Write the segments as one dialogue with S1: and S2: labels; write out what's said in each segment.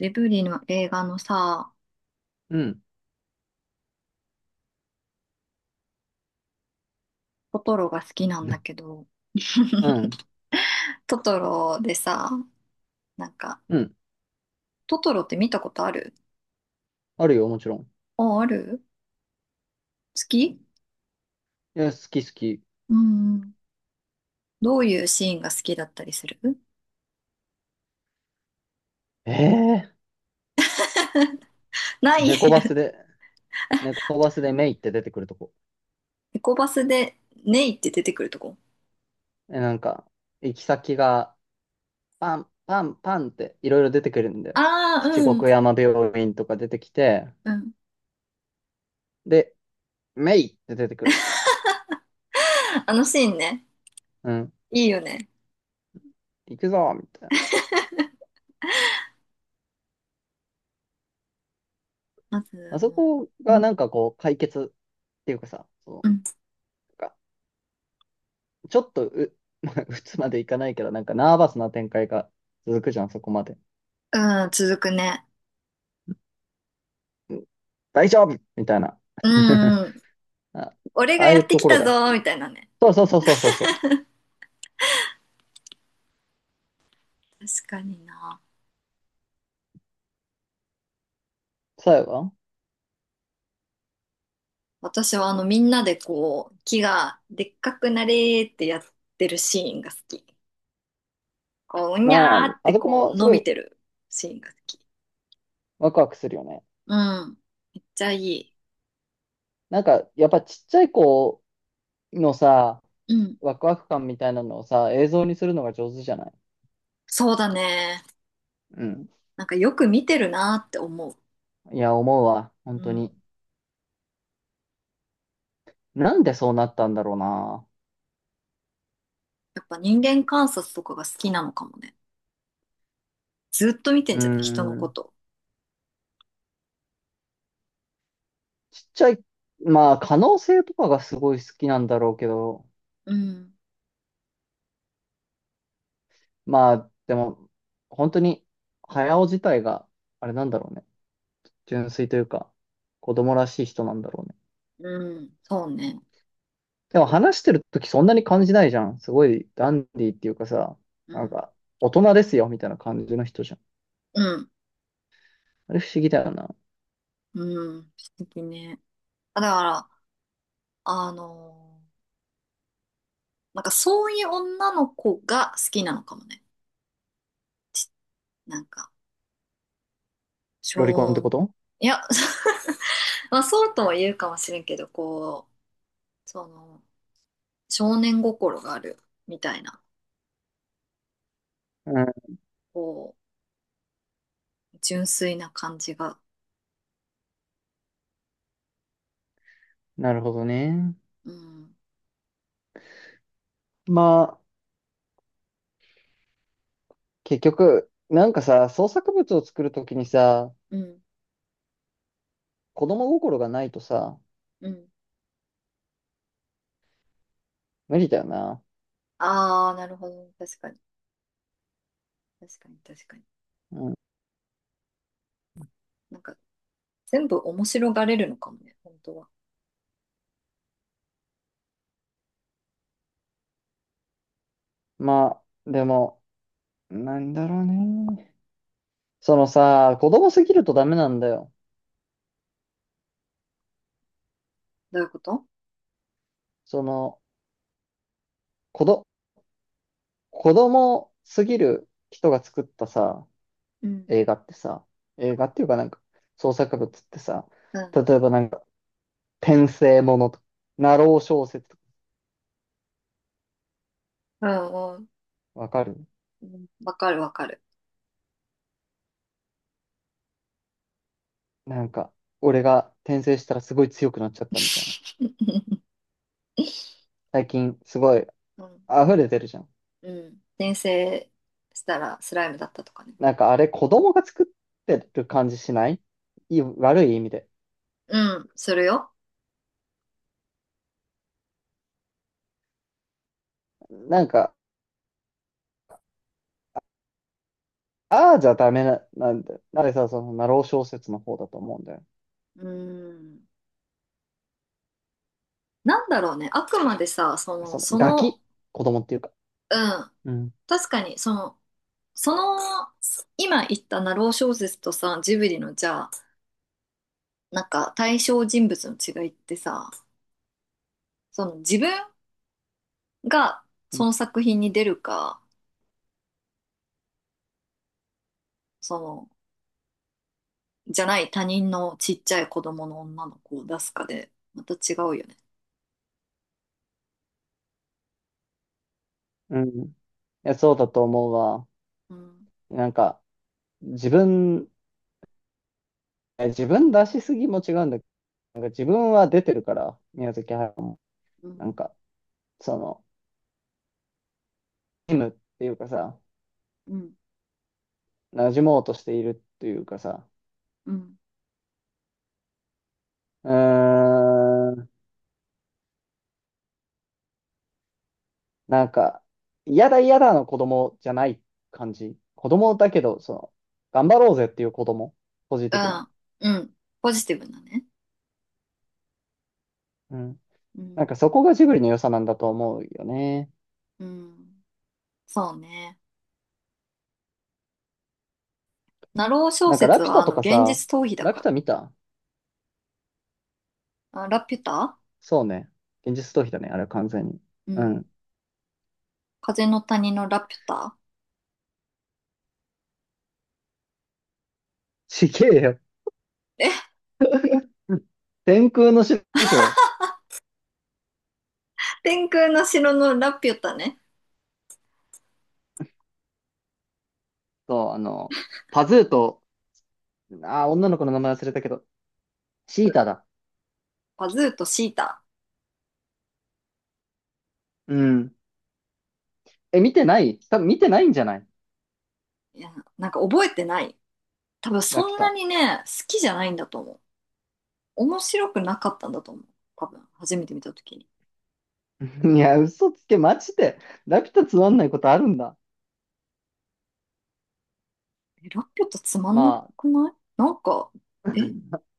S1: ジブリの映画のさ、
S2: うん。
S1: トトロが好きなんだけ ど、
S2: う ん。
S1: トトロでさ、なんか、
S2: うん。
S1: トトロって見たことある？
S2: あるよ、もちろん。
S1: あ、ある？好き？
S2: いや、好き好き。
S1: うん。どういうシーンが好きだったりする？
S2: ええ
S1: な
S2: ー、
S1: い、いや
S2: 猫
S1: い
S2: バ
S1: や、
S2: スで、メイって出てくるとこ。
S1: エコバスでネイって出てくるとこ。
S2: え、なんか、行き先が、パン、パン、パンっていろいろ出てくるんだよ。
S1: ああ、
S2: 七
S1: う
S2: 国
S1: ん。
S2: 山病院とか出てきて、
S1: うん。
S2: で、メイって出てくる。
S1: あのシーンね。
S2: うん。
S1: いいよね。
S2: 行くぞみたいな。
S1: ま
S2: ま
S1: ず、
S2: あそ
S1: も
S2: こ
S1: う、う
S2: が
S1: ん、
S2: なんかこう、解決っていうかさ、そ
S1: うん、
S2: う、なんかちょっとう、ま打つまでいかないけど、なんかナーバスな展開が続くじゃん、そこまで。
S1: うん続くね。
S2: 大丈夫みたいな。
S1: うん、うん。
S2: あ、
S1: 俺
S2: あ
S1: が
S2: あ
S1: や
S2: いう
S1: って
S2: と
S1: き
S2: ころ
S1: た
S2: が
S1: ぞ
S2: 好
S1: ー
S2: き。
S1: みたいなね。
S2: そうそうそうそうそうそう。
S1: 確かにな。
S2: 最後は
S1: 私はあのみんなでこう木がでっかくなれーってやってるシーンが好き。こう、う
S2: な
S1: に
S2: あ、
S1: ゃーっ
S2: あ
S1: て
S2: そこ
S1: こう
S2: もす
S1: 伸
S2: ご
S1: び
S2: い
S1: てるシーンが好き。
S2: ワクワクするよね。
S1: うん。めっちゃいい。
S2: なんか、やっぱちっちゃい子のさ、
S1: うん。
S2: ワクワク感みたいなのをさ、映像にするのが上手じゃない？
S1: そうだね。
S2: うん。
S1: なんかよく見てるなーって思う。
S2: いや、思うわ。
S1: う
S2: 本当に。
S1: ん。
S2: なんでそうなったんだろうな。
S1: やっぱ人間観察とかが好きなのかもね。ずっと見て
S2: う
S1: ん
S2: ー
S1: じゃない？人のこ
S2: ん。
S1: と。
S2: ちっちゃい、まあ、可能性とかがすごい好きなんだろうけど、
S1: うん。
S2: まあ、でも、本当に、早尾自体が、あれなんだろうね。純粋というか、子供らしい人なんだろうね。
S1: うん。そうね。
S2: でも話してる時そんなに感じないじゃん。すごいダンディーっていうかさ、
S1: う
S2: なん
S1: ん。
S2: か、大人ですよ、みたいな感じの人じゃん。
S1: うん。
S2: あれ不思議だよな。
S1: うん。素敵ね。だから、あのーなんかそういう女の子が好きなのかもね。ち、なんか、
S2: ロリコンって
S1: 少、
S2: こと？
S1: いや、まあそうとは言うかもしれんけど、こう、その、少年心があるみたいな、
S2: うん、
S1: こう、純粋な感じが。
S2: なるほどね。
S1: うん、
S2: まあ、結局、なんかさ、創作物を作るときにさ、
S1: うん、
S2: 子供心がないとさ、
S1: うん。
S2: 無理だよな。
S1: ああ、なるほど。確かに、確かに。
S2: うん。
S1: なんか、全部面白がれるのかもね、本当は。
S2: まあ、でも、なんだろうね。そのさ、子供すぎるとダメなんだよ。
S1: どういうこと？
S2: その、子ど、子供すぎる人が作ったさ、
S1: うん、
S2: 映画ってさ、映画っていうかなんか創作物ってさ、
S1: うん、
S2: 例えばなんか転生ものとか、ナロー小説とか
S1: うん、うん。
S2: わかる？
S1: うん、わかる。
S2: なんか俺が転生したらすごい強くなっちゃったみたいな。最近すごい
S1: うん
S2: 溢れてるじゃん。
S1: うん。転生したらスライムだったとかね。
S2: なんかあれ子供が作ってる感じしない？いい悪い意味で。
S1: うん、するよ。
S2: なんか、ああじゃダメな、なんだよ。なんでさ、そのナロー小説の方だと思うんだよ。
S1: うん。なんだろうね。あくまでさ、その、
S2: その
S1: そ
S2: ガ
S1: の、
S2: キ、子供っていうか。
S1: うん。
S2: うん。
S1: 確かに、その、今言ったナロー小説とさ、ジブリのじゃあ、なんか対象人物の違いってさ、その自分がその作品に出るか、その、じゃない他人のちっちゃい子供の女の子を出すかで、また違うよね。
S2: うん。いや、そうだと思うわ。
S1: うん、
S2: なんか、自分、自分出しすぎも違うんだけど、なんか自分は出てるから、宮崎駿も。
S1: うん、
S2: なんか、その、っていうかさ、
S1: うん、
S2: 馴染もうとしているっていうかさ、
S1: うん。
S2: うーん、なんか、嫌だ嫌だの子供じゃない感じ。子供だけど、その、頑張ろうぜっていう子供。ポジ
S1: う
S2: ティブな。
S1: ん、うん。ポジティブなね。
S2: うん。
S1: う
S2: なん
S1: ん、
S2: かそこがジブリの良さなんだと思うよね。
S1: うん。そうね。ナロー小
S2: なんかラ
S1: 説
S2: ピュ
S1: は、
S2: タ
S1: あ
S2: と
S1: の、
S2: か
S1: 現
S2: さ、
S1: 実逃避だ
S2: ラ
S1: か
S2: ピュ
S1: ら
S2: タ見た？
S1: な。あ、ラピュタ。
S2: そうね。現実逃避だね、あれは完全に。
S1: う
S2: う
S1: ん。
S2: ん。
S1: 風の谷のラピュタ？
S2: ちげえよ。
S1: え、
S2: 天空の城でしょ。
S1: 天空の城のラピュタね。
S2: あの、パズーと、女の子の名前忘れたけど、シー
S1: う、
S2: タだ。
S1: パズーとシータ。
S2: うん。え、見てない、多分見てないんじゃない？
S1: いや、なんか覚えてない。多分
S2: ラピ
S1: そ
S2: ュ
S1: んな
S2: タ。
S1: にね、好きじゃないんだと思う。面白くなかったんだと思う。多分、初めて見たときに。
S2: いや、嘘つけ、マジで。ラピュタつまんないことあるんだ。
S1: え、ラピュタつまんな
S2: まあ、
S1: くない？なんか、え、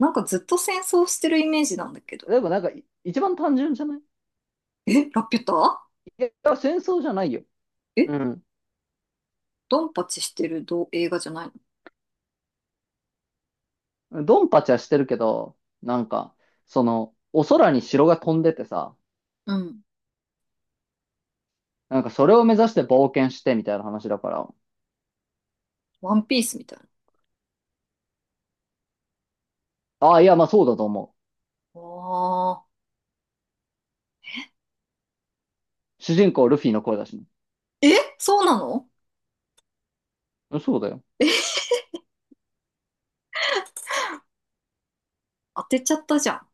S1: なんかずっと戦争してるイメージなんだけど。
S2: でもなんか、い一番単純じゃない？い
S1: え、ラピュタ？
S2: や、いや戦争じゃないよ。
S1: え、
S2: うん。
S1: ドンパチしてるど、映画じゃないの？
S2: ドンパチはしてるけど、なんか、その、お空に城が飛んでてさ、
S1: うん。
S2: なんかそれを目指して冒険してみたいな話だから。
S1: ワンピースみたいな。
S2: ああ、いや、まあそうだと思
S1: ああ。
S2: う。主人公ルフィの声だしね。
S1: え、そうなの？
S2: うんそうだよ。
S1: え、当てちゃったじゃん。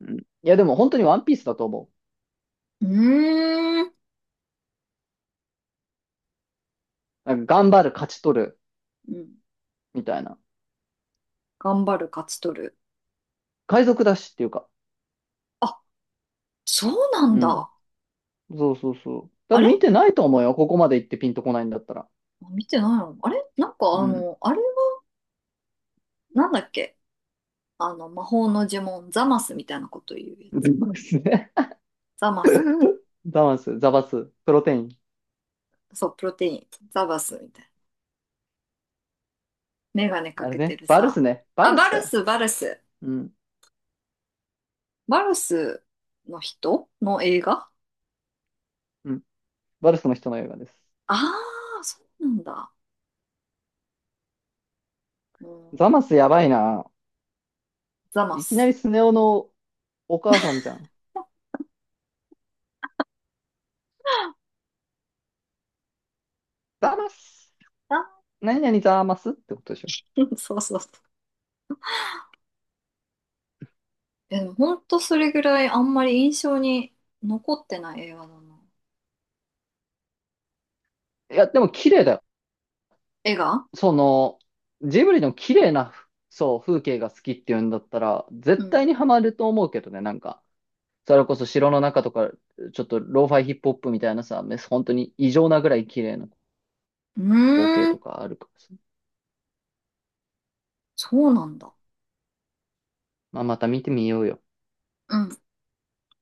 S2: うん。いや、でも本当にワンピースだと思
S1: うーん。
S2: う。なんか頑張る、勝ち取る、
S1: うん。
S2: みたいな。
S1: 頑張る、勝ち取る。
S2: 海賊だしっていうか。
S1: あ、そうなん
S2: うん。
S1: だ。
S2: そうそうそう。多
S1: あ
S2: 分見
S1: れ
S2: てないと思うよ。ここまで行ってピンとこないんだったら。
S1: 見てないの？あれなんか
S2: う
S1: あ
S2: ん。
S1: の、あれは、なんだっけ？あの、魔法の呪文、ザマスみたいなこと言うやつ。
S2: バルスね。
S1: ザマスみたい
S2: ザマス、ザバス、プロテイン。
S1: な。そう、プロテイン。ザバスみたいな。メガネか
S2: あれ
S1: けて
S2: ね。
S1: る
S2: バルス
S1: さ。
S2: ね。バ
S1: あ、
S2: ル
S1: バ
S2: スだ
S1: ル
S2: よ。
S1: ス、バルス。
S2: うん。
S1: バルスの人の映画？
S2: うん。バルスの人の映画です。
S1: あ、あー、そうなんだ。うん、
S2: ザマスやばいな。
S1: ザマ
S2: いきなり
S1: ス。
S2: スネ夫のお母さんじゃん。
S1: ザマ
S2: ザ
S1: ス。
S2: マス、
S1: あ
S2: 何々ざーますってことでしょ？
S1: ー、 そうそうそう。え、でもほんとそれぐらいあんまり印象に残ってない映画だな。
S2: いや、でも綺麗だよ。
S1: 映画？
S2: その、ジブリの綺麗な、そう、風景が好きっていうんだったら、
S1: う
S2: 絶
S1: ん。
S2: 対にハマると思うけどね、なんか。それこそ城の中とか、ちょっとローファイヒップホップみたいなさ、め本当に異常なぐらい綺麗な
S1: う
S2: 光景
S1: ー
S2: と
S1: ん、
S2: かあるからさ。
S1: そうなんだ。
S2: まあ、また見てみようよ。
S1: うん。